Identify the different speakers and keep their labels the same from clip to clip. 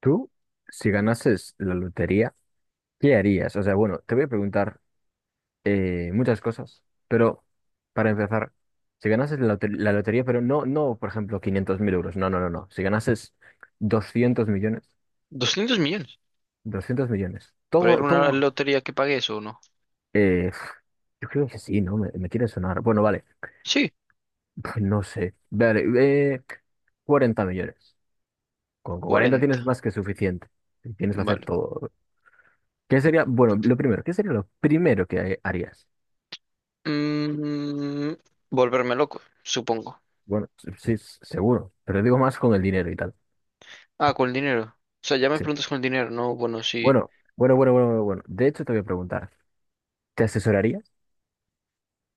Speaker 1: Tú, si ganases la lotería, ¿qué harías? O sea, bueno, te voy a preguntar muchas cosas, pero para empezar, si ganases la, la lotería, pero no, no, por ejemplo, 500.000 euros, no, no, no, no. Si ganases 200 millones,
Speaker 2: Doscientos millones.
Speaker 1: 200 millones,
Speaker 2: ¿Para
Speaker 1: todo,
Speaker 2: alguna
Speaker 1: todo,
Speaker 2: lotería que pague eso o no?
Speaker 1: eh, pf, yo creo que sí, ¿no? Me quiere sonar. Bueno, vale,
Speaker 2: Sí,
Speaker 1: no sé, vale, eh, 40 millones. Con 40
Speaker 2: 40.
Speaker 1: tienes más que suficiente, tienes que hacer
Speaker 2: Vale.
Speaker 1: todo. ¿Qué sería, bueno, lo primero? ¿Qué sería lo primero que harías?
Speaker 2: Mm, Volverme loco, supongo.
Speaker 1: Bueno, sí, seguro, pero digo más con el dinero y tal.
Speaker 2: Ah, con el dinero. O sea, ya me
Speaker 1: Sí.
Speaker 2: preguntas con el dinero, ¿no? Bueno, sí.
Speaker 1: Bueno, bueno, bueno, bueno, bueno, bueno. De hecho, te voy a preguntar, ¿te asesoraría?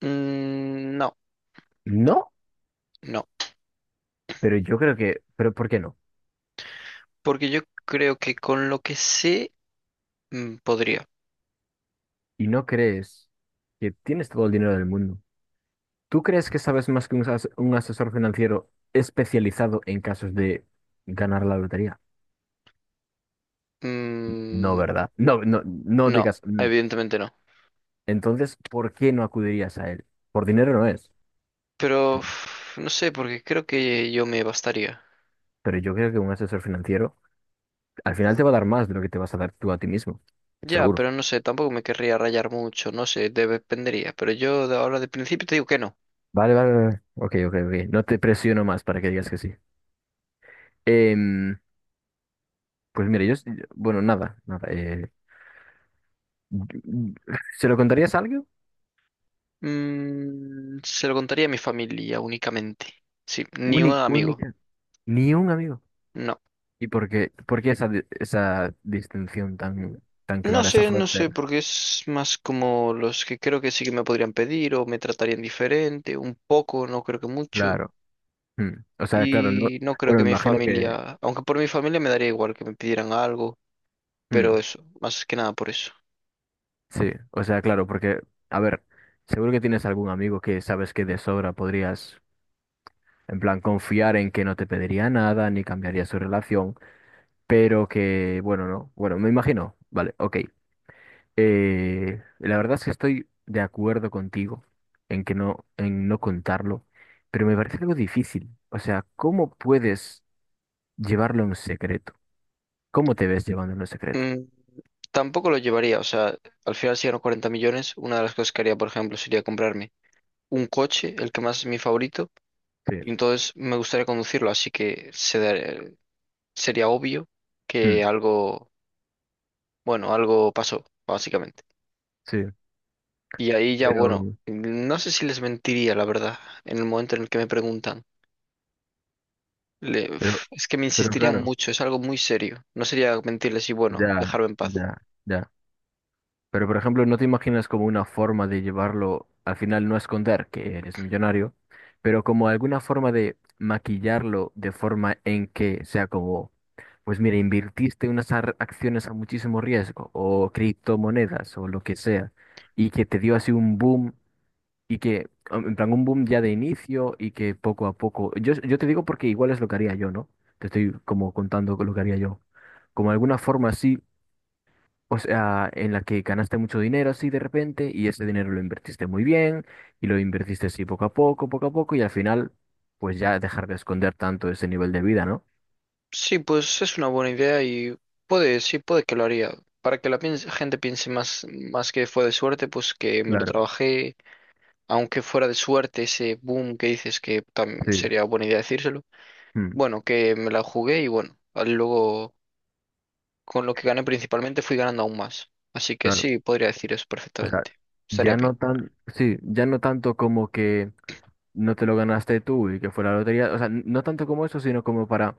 Speaker 2: No,
Speaker 1: No,
Speaker 2: no.
Speaker 1: pero yo creo que, pero ¿por qué no?
Speaker 2: Porque yo creo que con lo que sé, podría.
Speaker 1: Y no crees que tienes todo el dinero del mundo. ¿Tú crees que sabes más que un, un asesor financiero especializado en casos de ganar la lotería? No,
Speaker 2: Mm,
Speaker 1: ¿verdad? No, no, no
Speaker 2: no,
Speaker 1: digas. Mm.
Speaker 2: evidentemente no.
Speaker 1: Entonces, ¿por qué no acudirías a él? Por dinero no es.
Speaker 2: Pero no sé, porque creo que yo me bastaría.
Speaker 1: Pero yo creo que un asesor financiero al final te va a dar más de lo que te vas a dar tú a ti mismo,
Speaker 2: Ya,
Speaker 1: seguro.
Speaker 2: pero no sé, tampoco me querría rayar mucho, no sé, dependería. Pero yo de ahora de principio te digo que no.
Speaker 1: Vale, vale, vale. Ok, ok, ok. No te presiono más para que digas que sí. Em, pues mira, yo, bueno, nada, nada. ¿Se lo contarías a alguien?
Speaker 2: Se lo contaría a mi familia únicamente. Sí, ni un
Speaker 1: Única,
Speaker 2: amigo.
Speaker 1: única, ni un amigo.
Speaker 2: No.
Speaker 1: ¿Y por qué esa, esa distinción tan, tan
Speaker 2: No
Speaker 1: clara, esa
Speaker 2: sé, no sé,
Speaker 1: frontera?
Speaker 2: porque es más como los que creo que sí que me podrían pedir o me tratarían diferente, un poco, no creo que mucho.
Speaker 1: Claro. Mm. O sea, claro, no.
Speaker 2: Y no creo
Speaker 1: Bueno,
Speaker 2: que
Speaker 1: me
Speaker 2: mi
Speaker 1: imagino que.
Speaker 2: familia, aunque por mi familia me daría igual que me pidieran algo,
Speaker 1: Mm,
Speaker 2: pero eso, más que nada por eso.
Speaker 1: sí, o sea, claro, porque, a ver, seguro que tienes algún amigo que sabes que de sobra podrías. En plan, confiar en que no te pediría nada ni cambiaría su relación, pero que, bueno, no. Bueno, me imagino. Vale, ok. La verdad es que estoy de acuerdo contigo en que no, en no contarlo, pero me parece algo difícil. O sea, ¿cómo puedes llevarlo en secreto? ¿Cómo te ves llevándolo en secreto?
Speaker 2: Mm, Tampoco lo llevaría, o sea, al final si gano 40 millones, una de las cosas que haría, por ejemplo, sería comprarme un coche, el que más es mi favorito.
Speaker 1: Sí,
Speaker 2: Y entonces me gustaría conducirlo, así que sería obvio que
Speaker 1: mm,
Speaker 2: algo, bueno, algo pasó, básicamente.
Speaker 1: sí.
Speaker 2: Y ahí ya, bueno,
Speaker 1: Pero,
Speaker 2: no sé si les mentiría, la verdad, en el momento en el que me preguntan.
Speaker 1: pero,
Speaker 2: Es que me
Speaker 1: pero
Speaker 2: insistirían
Speaker 1: claro,
Speaker 2: mucho, es algo muy serio. No sería mentirles y, bueno,
Speaker 1: ya,
Speaker 2: dejarme en paz.
Speaker 1: ya, ya. Pero, por ejemplo, ¿no te imaginas como una forma de llevarlo, al final no esconder que eres millonario, pero como alguna forma de maquillarlo de forma en que sea como, pues mira, invertiste unas acciones a muchísimo riesgo o criptomonedas o lo que sea, y que te dio así un boom y que, en plan, un boom ya de inicio y que poco a poco, yo te digo porque igual es lo que haría yo, ¿no? Te estoy como contando lo que haría yo. Como alguna forma así, o sea, en la que ganaste mucho dinero así de repente y ese dinero lo invertiste muy bien y lo invertiste así poco a poco y al final, pues ya dejar de esconder tanto ese nivel de vida, ¿no?
Speaker 2: Sí, pues es una buena idea y puede, sí, puede que lo haría. Para que gente piense más, más que fue de suerte, pues que me lo
Speaker 1: Claro,
Speaker 2: trabajé, aunque fuera de suerte ese boom que dices que
Speaker 1: sí,
Speaker 2: sería buena idea decírselo,
Speaker 1: mm,
Speaker 2: bueno, que me la jugué y bueno, luego con lo que gané principalmente fui ganando aún más. Así que
Speaker 1: claro,
Speaker 2: sí, podría decir eso
Speaker 1: o sea,
Speaker 2: perfectamente. Estaría
Speaker 1: ya no
Speaker 2: bien.
Speaker 1: tan, sí, ya no tanto como que no te lo ganaste tú y que fue la lotería, o sea, no tanto como eso, sino como para,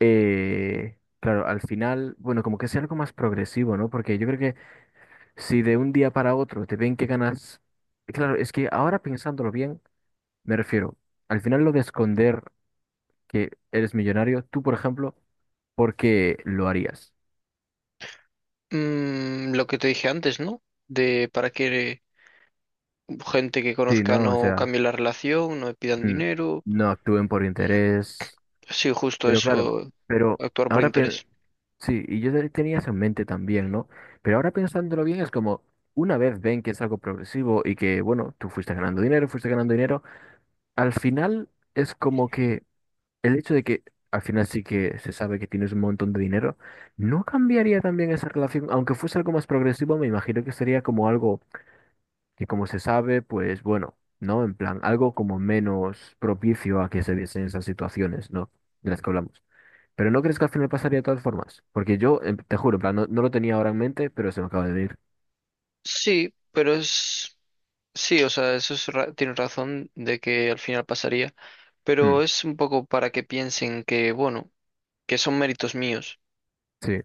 Speaker 1: claro, al final, bueno, como que sea algo más progresivo, ¿no? Porque yo creo que si de un día para otro te ven que ganas, claro, es que ahora pensándolo bien. Me refiero, al final lo de esconder que eres millonario, tú, por ejemplo, ¿por qué lo harías?
Speaker 2: Lo que te dije antes, ¿no? De para que gente que
Speaker 1: Sí,
Speaker 2: conozca
Speaker 1: ¿no? O
Speaker 2: no
Speaker 1: sea,
Speaker 2: cambie la relación, no me pidan
Speaker 1: mm,
Speaker 2: dinero.
Speaker 1: no actúen por interés.
Speaker 2: Sí, justo
Speaker 1: Pero claro,
Speaker 2: eso,
Speaker 1: pero
Speaker 2: actuar por
Speaker 1: ahora,
Speaker 2: interés.
Speaker 1: sí, y yo tenía eso en mente también, ¿no? Pero ahora pensándolo bien, es como, una vez ven que es algo progresivo y que, bueno, tú fuiste ganando dinero, al final es como que... El hecho de que al final sí que se sabe que tienes un montón de dinero, ¿no cambiaría también esa relación? Aunque fuese algo más progresivo, me imagino que sería como algo que como se sabe, pues bueno, ¿no? En plan, algo como menos propicio a que se viesen esas situaciones, ¿no? De las que hablamos. Pero ¿no crees que al final pasaría de todas formas? Porque yo, te juro, en plan, no, no lo tenía ahora en mente, pero se me acaba de venir.
Speaker 2: Sí, pero es... Sí, o sea, eso es tienes razón de que al final pasaría,
Speaker 1: Hmm,
Speaker 2: pero es un poco para que piensen que, bueno, que son méritos míos
Speaker 1: sí,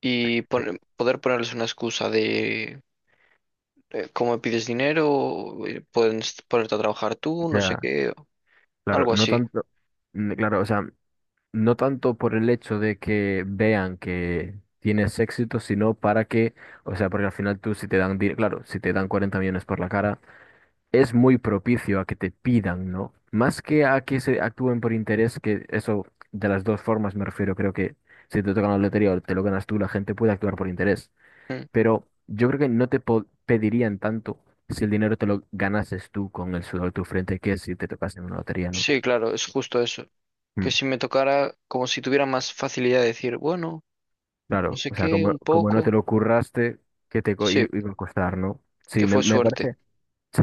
Speaker 2: y poder ponerles una excusa de cómo me pides dinero. Ponerte a trabajar tú, no sé
Speaker 1: ya,
Speaker 2: qué, o
Speaker 1: claro,
Speaker 2: algo
Speaker 1: no
Speaker 2: así.
Speaker 1: tanto, mm, claro, o sea... No tanto por el hecho de que vean que tienes éxito, sino para que, o sea, porque al final tú si te dan, claro, si te dan 40 millones por la cara, es muy propicio a que te pidan, ¿no? Más que a que se actúen por interés, que eso de las dos formas me refiero, creo que si te toca la lotería o te lo ganas tú, la gente puede actuar por interés,
Speaker 2: Mm.
Speaker 1: pero yo creo que no te pedirían tanto si el dinero te lo ganases tú con el sudor de tu frente que si te tocas en una lotería, ¿no?
Speaker 2: Sí, claro, es justo eso. Que si me tocara, como si tuviera más facilidad de decir, bueno, no
Speaker 1: Claro,
Speaker 2: sé
Speaker 1: o sea,
Speaker 2: qué,
Speaker 1: como,
Speaker 2: un
Speaker 1: como no te
Speaker 2: poco.
Speaker 1: lo curraste, ¿qué te
Speaker 2: Sí,
Speaker 1: iba a costar, no?
Speaker 2: que
Speaker 1: Sí, me,
Speaker 2: fue
Speaker 1: me
Speaker 2: suerte.
Speaker 1: parece. Sí.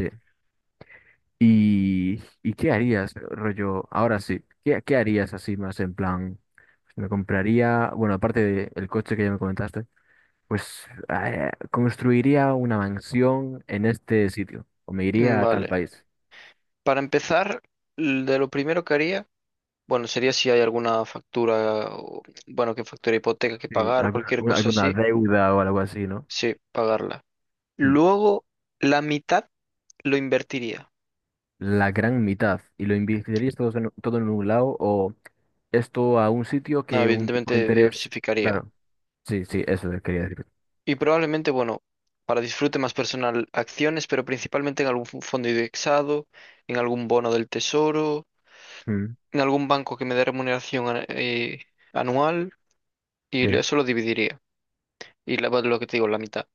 Speaker 1: ¿Y qué harías, rollo? Ahora sí, ¿qué harías así más en plan? Pues, me compraría, bueno, aparte del coche que ya me comentaste, pues construiría una mansión en este sitio, o me iría a tal
Speaker 2: Vale.
Speaker 1: país.
Speaker 2: Para empezar, de lo primero que haría, bueno, sería si hay alguna factura, bueno, que factura hipoteca que
Speaker 1: Sí,
Speaker 2: pagar o
Speaker 1: alguna,
Speaker 2: cualquier cosa
Speaker 1: alguna
Speaker 2: así,
Speaker 1: deuda o algo así, ¿no?
Speaker 2: sí, pagarla.
Speaker 1: Mm.
Speaker 2: Luego, la mitad lo invertiría.
Speaker 1: La gran mitad y lo invertirías todo en, todo en un lado o esto a un sitio
Speaker 2: No,
Speaker 1: que un tipo de
Speaker 2: evidentemente
Speaker 1: interés.
Speaker 2: diversificaría.
Speaker 1: Claro, sí, sí, eso quería decir.
Speaker 2: Y probablemente, bueno, para disfrute más personal, acciones, pero principalmente en algún fondo indexado, en algún bono del tesoro,
Speaker 1: Mm,
Speaker 2: en algún banco que me dé remuneración, anual, y
Speaker 1: sí,
Speaker 2: eso lo dividiría. Y bueno, lo que te digo, la mitad.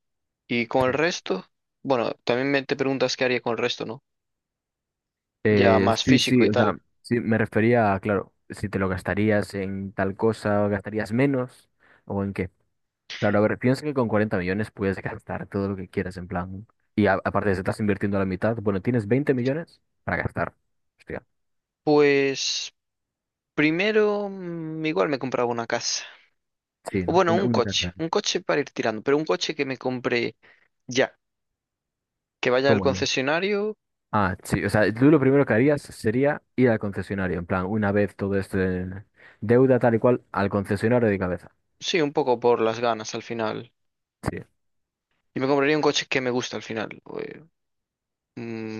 Speaker 2: Y con el
Speaker 1: sí.
Speaker 2: resto, bueno, también me te preguntas qué haría con el resto, ¿no? Ya más
Speaker 1: Sí,
Speaker 2: físico
Speaker 1: sí,
Speaker 2: y
Speaker 1: o sea,
Speaker 2: tal.
Speaker 1: sí, me refería a, claro, si te lo gastarías en tal cosa o gastarías menos o en qué. Claro, a ver, piensa que con 40 millones puedes gastar todo lo que quieras en plan. Y aparte, si estás invirtiendo la mitad, bueno, tienes 20 millones para gastar. Hostia,
Speaker 2: Pues primero, igual me compraba una casa.
Speaker 1: sí,
Speaker 2: O
Speaker 1: ¿no?
Speaker 2: bueno,
Speaker 1: Una, una casa,
Speaker 2: un coche para ir tirando, pero un coche que me compre ya, que vaya al
Speaker 1: como yo.
Speaker 2: concesionario,
Speaker 1: Ah, sí, o sea, tú lo primero que harías sería ir al concesionario, en plan, una vez todo esto en deuda tal y cual, al concesionario de cabeza.
Speaker 2: sí, un poco por las ganas al final.
Speaker 1: Sí.
Speaker 2: Y me compraría un coche que me gusta al final.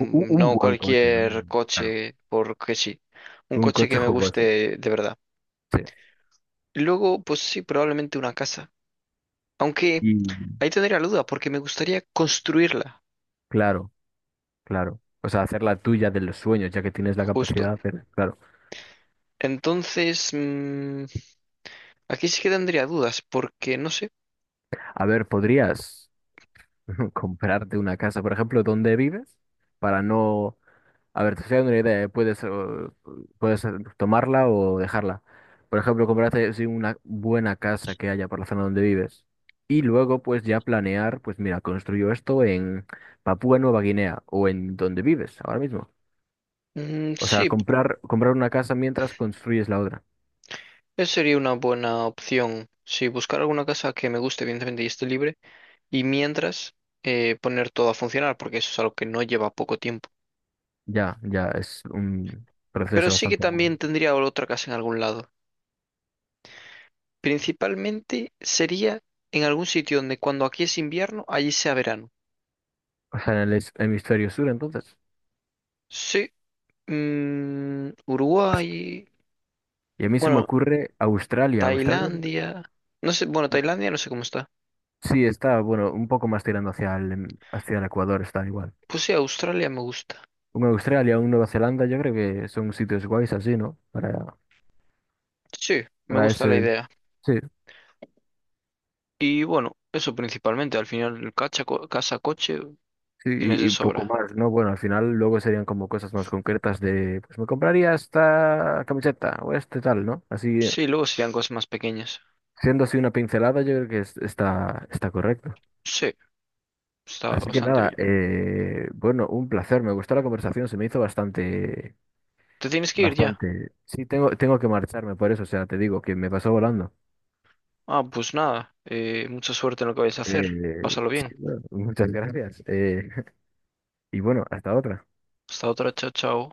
Speaker 1: Un,
Speaker 2: No
Speaker 1: buen coche, ¿no?
Speaker 2: cualquier
Speaker 1: Claro.
Speaker 2: coche porque sí. Un
Speaker 1: Un
Speaker 2: coche
Speaker 1: coche
Speaker 2: que me
Speaker 1: jugoso.
Speaker 2: guste de verdad.
Speaker 1: Sí.
Speaker 2: Luego, pues sí, probablemente una casa. Aunque...
Speaker 1: Y
Speaker 2: Ahí tendría la duda, porque me gustaría construirla,
Speaker 1: claro, claro. O sea, hacer la tuya de los sueños, ya que tienes la capacidad
Speaker 2: justo.
Speaker 1: de hacer, claro.
Speaker 2: Entonces, aquí sí que tendría dudas, porque no sé.
Speaker 1: A ver, ¿podrías comprarte una casa, por ejemplo, donde vives? Para no. A ver, te estoy dando una idea, ¿eh? Puedes, puedes tomarla o dejarla. Por ejemplo, comprarte sí, una buena casa que haya por la zona donde vives. Y luego, pues ya planear, pues mira, construyo esto en Papúa Nueva Guinea o en donde vives ahora mismo. O sea,
Speaker 2: Sí,
Speaker 1: comprar una casa mientras construyes la otra.
Speaker 2: esa sería una buena opción. Sí, buscar alguna casa que me guste, evidentemente, y esté libre. Y mientras, poner todo a funcionar, porque eso es algo que no lleva poco tiempo.
Speaker 1: Ya, ya es un
Speaker 2: Pero
Speaker 1: proceso
Speaker 2: sí que
Speaker 1: bastante largo.
Speaker 2: también tendría otra casa en algún lado. Principalmente sería en algún sitio donde cuando aquí es invierno, allí sea verano.
Speaker 1: O sea, en el hemisferio sur, entonces.
Speaker 2: Sí, Uruguay.
Speaker 1: Y a mí se me
Speaker 2: Bueno.
Speaker 1: ocurre Australia. Australia.
Speaker 2: Tailandia. No sé, bueno, Tailandia no sé cómo está.
Speaker 1: Sí, está, bueno, un poco más tirando hacia el Ecuador, está igual.
Speaker 2: Pues sí, Australia me gusta.
Speaker 1: Un Australia, un Nueva Zelanda, yo creo que son sitios guays así, ¿no? Para,
Speaker 2: Sí, me
Speaker 1: para
Speaker 2: gusta la
Speaker 1: ese,
Speaker 2: idea.
Speaker 1: sí,
Speaker 2: Y bueno, eso principalmente. Al final, el casa, coche,
Speaker 1: sí,
Speaker 2: tienes
Speaker 1: y,
Speaker 2: de
Speaker 1: y poco
Speaker 2: sobra.
Speaker 1: más, ¿no? Bueno, al final luego serían como cosas más concretas de, pues me compraría esta camiseta o este tal, ¿no? Así,
Speaker 2: Sí, luego serían cosas más pequeñas.
Speaker 1: siendo así una pincelada, yo creo que está correcto.
Speaker 2: Sí, está
Speaker 1: Así que
Speaker 2: bastante
Speaker 1: nada,
Speaker 2: bien.
Speaker 1: bueno, un placer, me gustó la conversación, se me hizo bastante,
Speaker 2: ¿Te tienes que ir ya?
Speaker 1: bastante. Sí, tengo que marcharme por eso, o sea, te digo que me pasó volando.
Speaker 2: Ah, pues nada. Mucha suerte en lo que vais a hacer.
Speaker 1: Eh,
Speaker 2: Pásalo
Speaker 1: sí,
Speaker 2: bien.
Speaker 1: bueno, muchas gracias. Y bueno, hasta otra.
Speaker 2: Hasta otra, chao, chao.